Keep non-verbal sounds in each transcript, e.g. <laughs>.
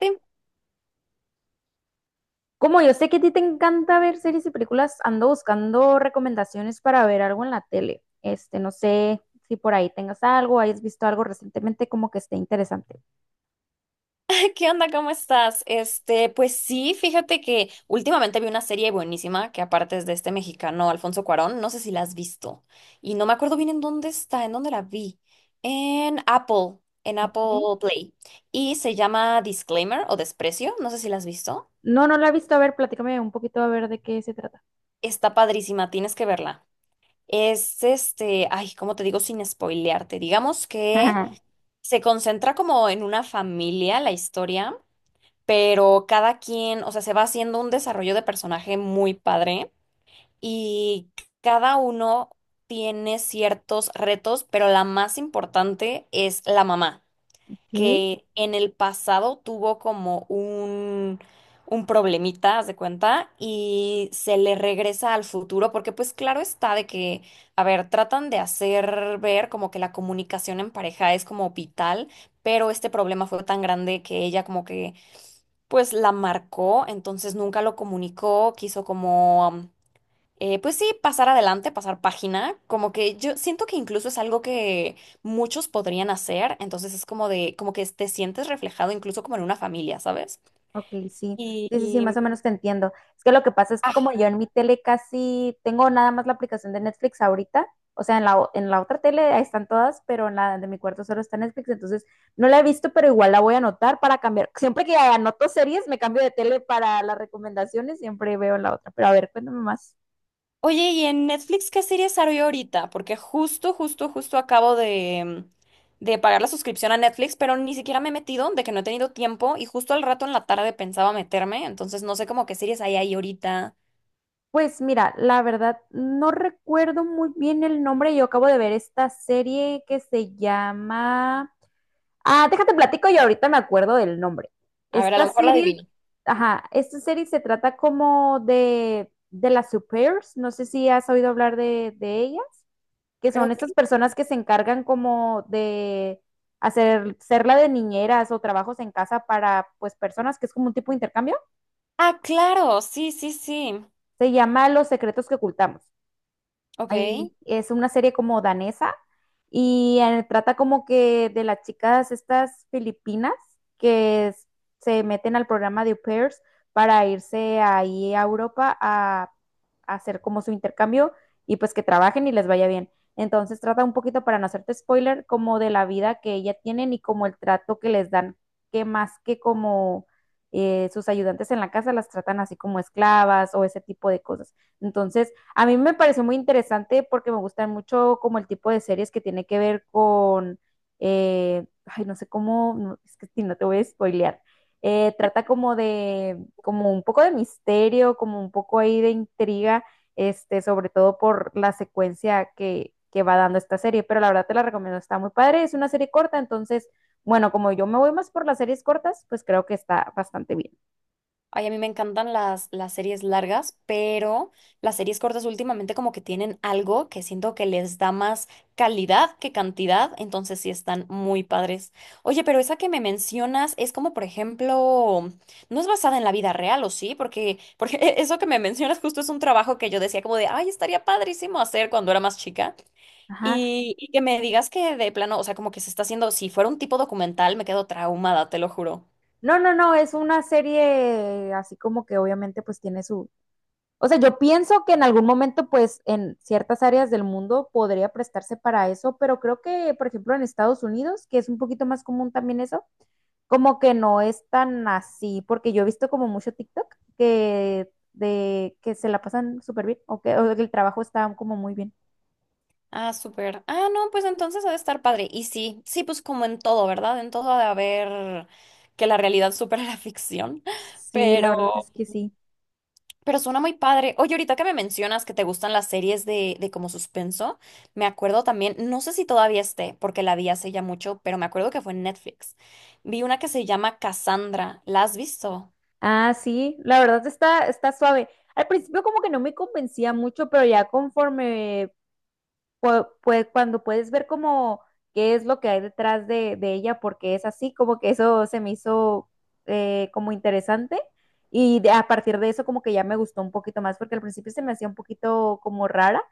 Sí, Como yo sé que a ti te encanta ver series y películas, ando buscando recomendaciones para ver algo en la tele. No sé si por ahí tengas algo, hayas visto algo recientemente como que esté interesante. <laughs> ¿Qué onda? ¿Cómo estás? Pues sí, fíjate que últimamente vi una serie buenísima que aparte es de este mexicano Alfonso Cuarón, no sé si la has visto y no me acuerdo bien en dónde está, en dónde la vi. En Apple, en Apple Ok. Play, y se llama Disclaimer o Desprecio, no sé si la has visto. No, no la he visto. A ver, platícame un poquito a ver de qué se trata. Está padrísima, tienes que verla. Es ay, ¿cómo te digo sin spoilearte? Digamos que Ajá. se concentra como en una familia la historia, pero cada quien, o sea, se va haciendo un desarrollo de personaje muy padre y cada uno tiene ciertos retos, pero la más importante es la mamá, Ok. que en el pasado tuvo como un problemita, haz de cuenta, y se le regresa al futuro, porque pues claro está de que, a ver, tratan de hacer ver como que la comunicación en pareja es como vital, pero este problema fue tan grande que ella como que pues la marcó, entonces nunca lo comunicó, quiso como pues sí, pasar adelante, pasar página, como que yo siento que incluso es algo que muchos podrían hacer, entonces es como de, como que te sientes reflejado incluso como en una familia, ¿sabes? Ok, sí, sí, Y, sí, más y- o menos te entiendo. Es que lo que pasa es que como yo ajá. en mi tele casi tengo nada más la aplicación de Netflix ahorita, o sea, en la, en la otra tele ahí están todas, pero en la de mi cuarto solo está Netflix, entonces no la he visto, pero igual la voy a anotar para cambiar. <laughs> Siempre que anoto series, me cambio de tele para las recomendaciones, siempre veo en la otra. Pero a ver, cuéntame más. Oye, ¿y en Netflix qué series hay ahorita? Porque justo, justo, justo acabo de pagar la suscripción a Netflix, pero ni siquiera me he metido, de que no he tenido tiempo, y justo al rato en la tarde pensaba meterme, entonces no sé como qué series hay ahí ahorita. Pues mira, la verdad no recuerdo muy bien el nombre, yo acabo de ver esta serie que se llama... Ah, déjate platico y ahorita me acuerdo del nombre. A ver, a Esta lo mejor la serie, adivino. ajá, esta serie se trata como de las supers, no sé si has oído hablar de ellas, que son Creo estas que... personas que se encargan como de hacer, ser la de niñeras o trabajos en casa para pues personas, que es como un tipo de intercambio. Ah, claro, sí, sí, sí. Se llama Los secretos que ocultamos. Ok. Ahí es una serie como danesa y trata como que de las chicas estas filipinas que s- se meten al programa de au pairs para irse ahí a Europa a hacer como su intercambio y pues que trabajen y les vaya bien. Entonces trata un poquito, para no hacerte spoiler, como de la vida que ella tienen y como el trato que les dan, que más que como sus ayudantes en la casa las tratan así como esclavas o ese tipo de cosas. Entonces, a mí me pareció muy interesante porque me gustan mucho como el tipo de series que tiene que ver con, ay, no sé cómo, no, es que si no te voy a spoilear. Trata como de, como un poco de misterio, como un poco ahí de intriga, sobre todo por la secuencia que va dando esta serie, pero la verdad te la recomiendo, está muy padre, es una serie corta, entonces, bueno, como yo me voy más por las series cortas, pues creo que está bastante bien. Ay, a mí me encantan las series largas, pero las series cortas últimamente como que tienen algo que siento que les da más calidad que cantidad, entonces sí están muy padres. Oye, pero esa que me mencionas es como, por ejemplo, no es basada en la vida real, ¿o sí? Porque <laughs> eso que me mencionas justo es un trabajo que yo decía como de, ay, estaría padrísimo hacer cuando era más chica. Ajá. Y que me digas que de plano, o sea, como que se está haciendo, si fuera un tipo documental, me quedo traumada, te lo juro. No, no, no, es una serie así como que obviamente pues tiene su. O sea, yo pienso que en algún momento, pues, en ciertas áreas del mundo podría prestarse para eso, pero creo que, por ejemplo, en Estados Unidos, que es un poquito más común también eso, como que no es tan así, porque yo he visto como mucho TikTok que de que se la pasan súper bien o que el trabajo está como muy bien. Ah, súper. Ah, no, pues entonces ha de estar padre. Y sí, sí, pues como en todo, ¿verdad? En todo ha de haber que la realidad supera <laughs> la ficción. Sí, la verdad Pero, es que sí. pero suena muy padre. Oye, ahorita que me mencionas que te gustan las series de como suspenso, me acuerdo también, no sé si todavía esté, porque la vi hace ya mucho, pero me acuerdo que fue en Netflix. Vi una que se llama Cassandra. ¿La has visto? Ah, sí, la verdad está, está suave. Al principio como que no me convencía mucho, pero ya conforme cuando puedes ver como qué es lo que hay detrás de ella, porque es así, como que eso se me hizo como interesante y a partir de eso como que ya me gustó un poquito más, porque al principio se me hacía un poquito como rara,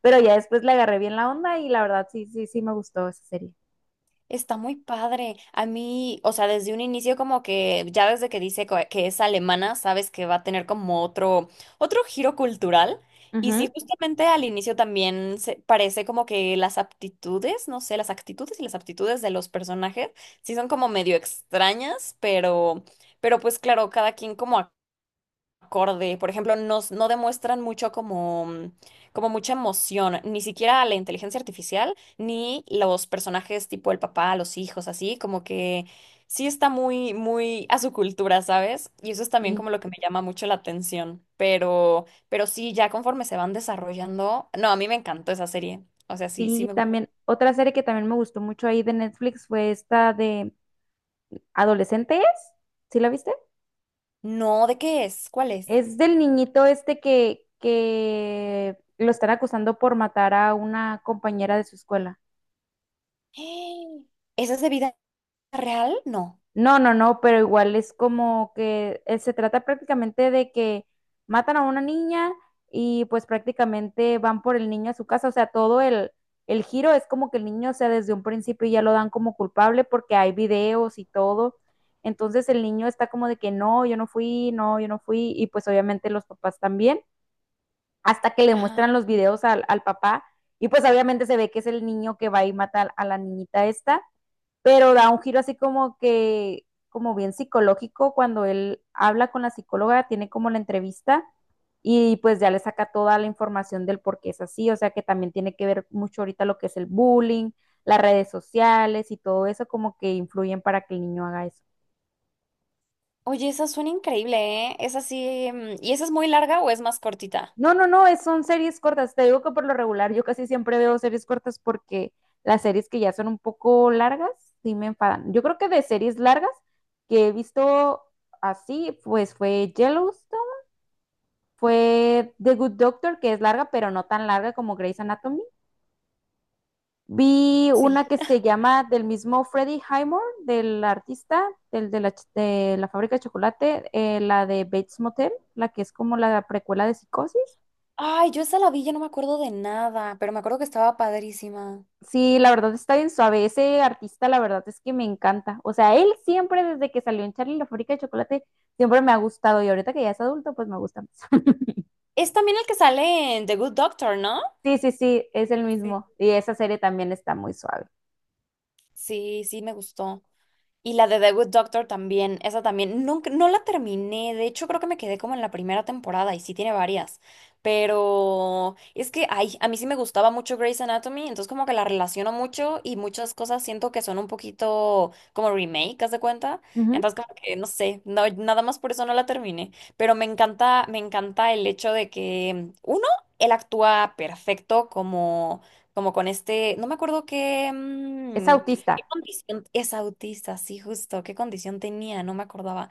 pero ya después le agarré bien la onda y la verdad sí, sí, sí me gustó esa serie. Está muy padre. A mí, o sea, desde un inicio como que ya desde que dice que es alemana, sabes que va a tener como otro giro cultural. Y Ujú. sí, justamente al inicio también se parece como que las aptitudes, no sé, las actitudes y las aptitudes de los personajes sí son como medio extrañas, pero pues claro, cada quien como acorde. Por ejemplo, no demuestran mucho como, como mucha emoción, ni siquiera la inteligencia artificial, ni los personajes tipo el papá, los hijos, así, como que sí está muy, muy a su cultura, ¿sabes? Y eso es también Sí, como lo que me llama mucho la atención. Pero sí, ya conforme se van desarrollando. No, a mí me encantó esa serie. O sea, sí, sí sí, me gusta. también otra serie que también me gustó mucho ahí de Netflix fue esta de Adolescentes, ¿sí la viste? No, ¿de qué es? ¿Cuál es? Es del niñito este que lo están acusando por matar a una compañera de su escuela. <gasps> ¿Esa es de vida real? No. No, no, no, pero igual es como que se trata prácticamente de que matan a una niña y pues prácticamente van por el niño a su casa. O sea, todo el giro es como que el niño, o sea, desde un principio ya lo dan como culpable porque hay videos y todo. Entonces el niño está como de que no, yo no fui, no, yo no fui, y pues obviamente los papás también, hasta que le Ajá. muestran los videos al, al papá y pues obviamente se ve que es el niño que va y mata a la niñita esta, pero da un giro así como que, como bien psicológico, cuando él habla con la psicóloga, tiene como la entrevista y pues ya le saca toda la información del por qué es así, o sea que también tiene que ver mucho ahorita lo que es el bullying, las redes sociales y todo eso como que influyen para que el niño haga eso. Oye, esa suena increíble, ¿eh? Esa sí. ¿Y esa es muy larga o es más cortita? No, no, no, es, son series cortas. Te digo que por lo regular yo casi siempre veo series cortas porque las series que ya son un poco largas sí me enfadan. Yo creo que de series largas que he visto así, pues fue Yellowstone, fue The Good Doctor, que es larga, pero no tan larga como Grey's Anatomy. Vi una Sí. que se llama del mismo Freddie Highmore, del artista, del, de, la, de la fábrica de chocolate, la de Bates Motel, la que es como la precuela de Psicosis. Ay, yo esa la vi, ya no me acuerdo de nada, pero me acuerdo que estaba padrísima. Sí, la verdad está bien suave. Ese artista, la verdad es que me encanta. O sea, él siempre, desde que salió en Charlie y la fábrica de chocolate, siempre me ha gustado. Y ahorita que ya es adulto, pues me gusta más. <laughs> Es también el que sale en The Good Doctor, ¿no? Sí, sí, sí, es el Sí. mismo. Y esa serie también está muy suave. Sí, sí, me gustó. Y la de The Good Doctor también, esa también, nunca, no la terminé, de hecho creo que me quedé como en la primera temporada y sí tiene varias, pero es que, ay, a mí sí me gustaba mucho Grey's Anatomy, entonces como que la relaciono mucho y muchas cosas siento que son un poquito como remake, ¿haz de cuenta? Ujú. Entonces como que, no sé, no, nada más por eso no la terminé, pero me encanta el hecho de que, uno, él actúa perfecto como, como con este, no me acuerdo qué... Es autista. ¿Qué condición? Es autista, sí, justo. ¿Qué condición tenía? No me acordaba.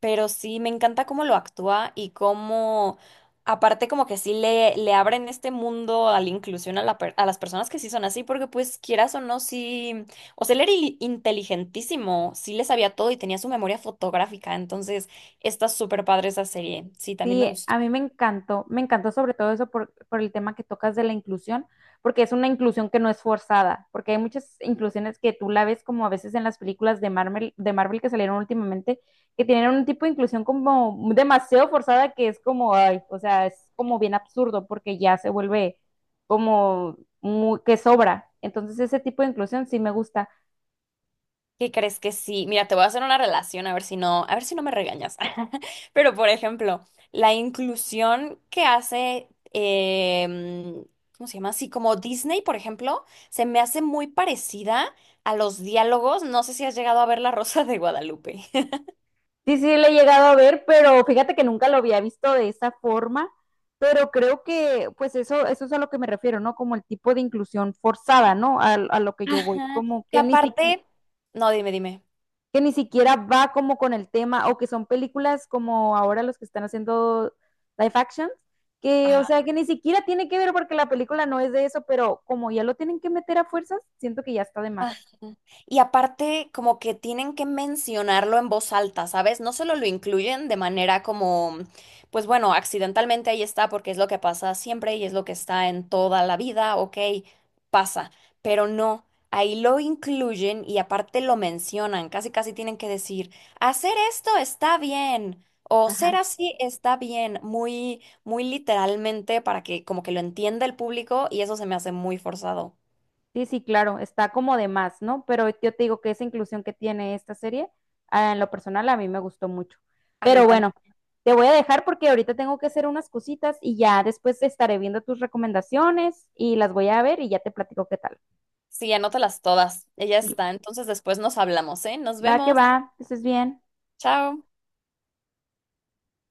Pero sí, me encanta cómo lo actúa y cómo, aparte, como que sí le abren este mundo a la inclusión a, a las personas que sí son así, porque pues quieras o no, sí. O sea, él era inteligentísimo, sí le sabía todo y tenía su memoria fotográfica. Entonces, está súper padre esa serie. Sí, también me Sí, gustó. a mí me encantó sobre todo eso por el tema que tocas de la inclusión, porque es una inclusión que no es forzada, porque hay muchas inclusiones que tú la ves como a veces en las películas de Marvel que salieron últimamente, que tienen un tipo de inclusión como demasiado forzada que es como, ay, o sea, es como bien absurdo porque ya se vuelve como muy- que sobra. Entonces ese tipo de inclusión sí me gusta. ¿Qué crees que sí? Mira, te voy a hacer una relación a ver si no, a ver si no me regañas. <laughs> Pero, por ejemplo, la inclusión que hace, em, ¿cómo se llama? Así como Disney, por ejemplo, se me hace muy parecida a los diálogos. No sé si has llegado a ver La Rosa de Guadalupe. <laughs> Sí, sí, le he llegado a ver, pero fíjate que nunca lo había visto de esa forma, pero creo que pues eso es a lo que me refiero, ¿no? Como el tipo de inclusión forzada, ¿no? A lo que yo voy, Ajá. como Que aparte, no, dime, dime. que ni siquiera va como con el tema, o que son películas como ahora los que están haciendo live action, que o Ajá. sea que ni siquiera tiene que ver porque la película no es de eso, pero como ya lo tienen que meter a fuerzas, siento que ya está de Ajá. más. Y aparte, como que tienen que mencionarlo en voz alta, ¿sabes? No solo lo incluyen de manera como, pues bueno, accidentalmente ahí está porque es lo que pasa siempre y es lo que está en toda la vida, ok, pasa, pero no, ahí lo incluyen y aparte lo mencionan, casi casi tienen que decir, hacer esto está bien. O ser Ajá. así está bien, muy, muy literalmente para que como que lo entienda el público y eso se me hace muy forzado. Sí, sí, claro, está como de más, ¿no? Pero yo te digo que esa inclusión que tiene esta serie, ah, en lo personal, a mí me gustó mucho. A mí Pero también. bueno, te voy a dejar porque ahorita tengo que hacer unas cositas y ya después estaré viendo tus recomendaciones y las voy a ver y ya te platico qué tal. Sí, anótalas todas. Ella Sí, está. Entonces después nos hablamos, ¿eh? Nos vemos. va, que estés bien. Chao.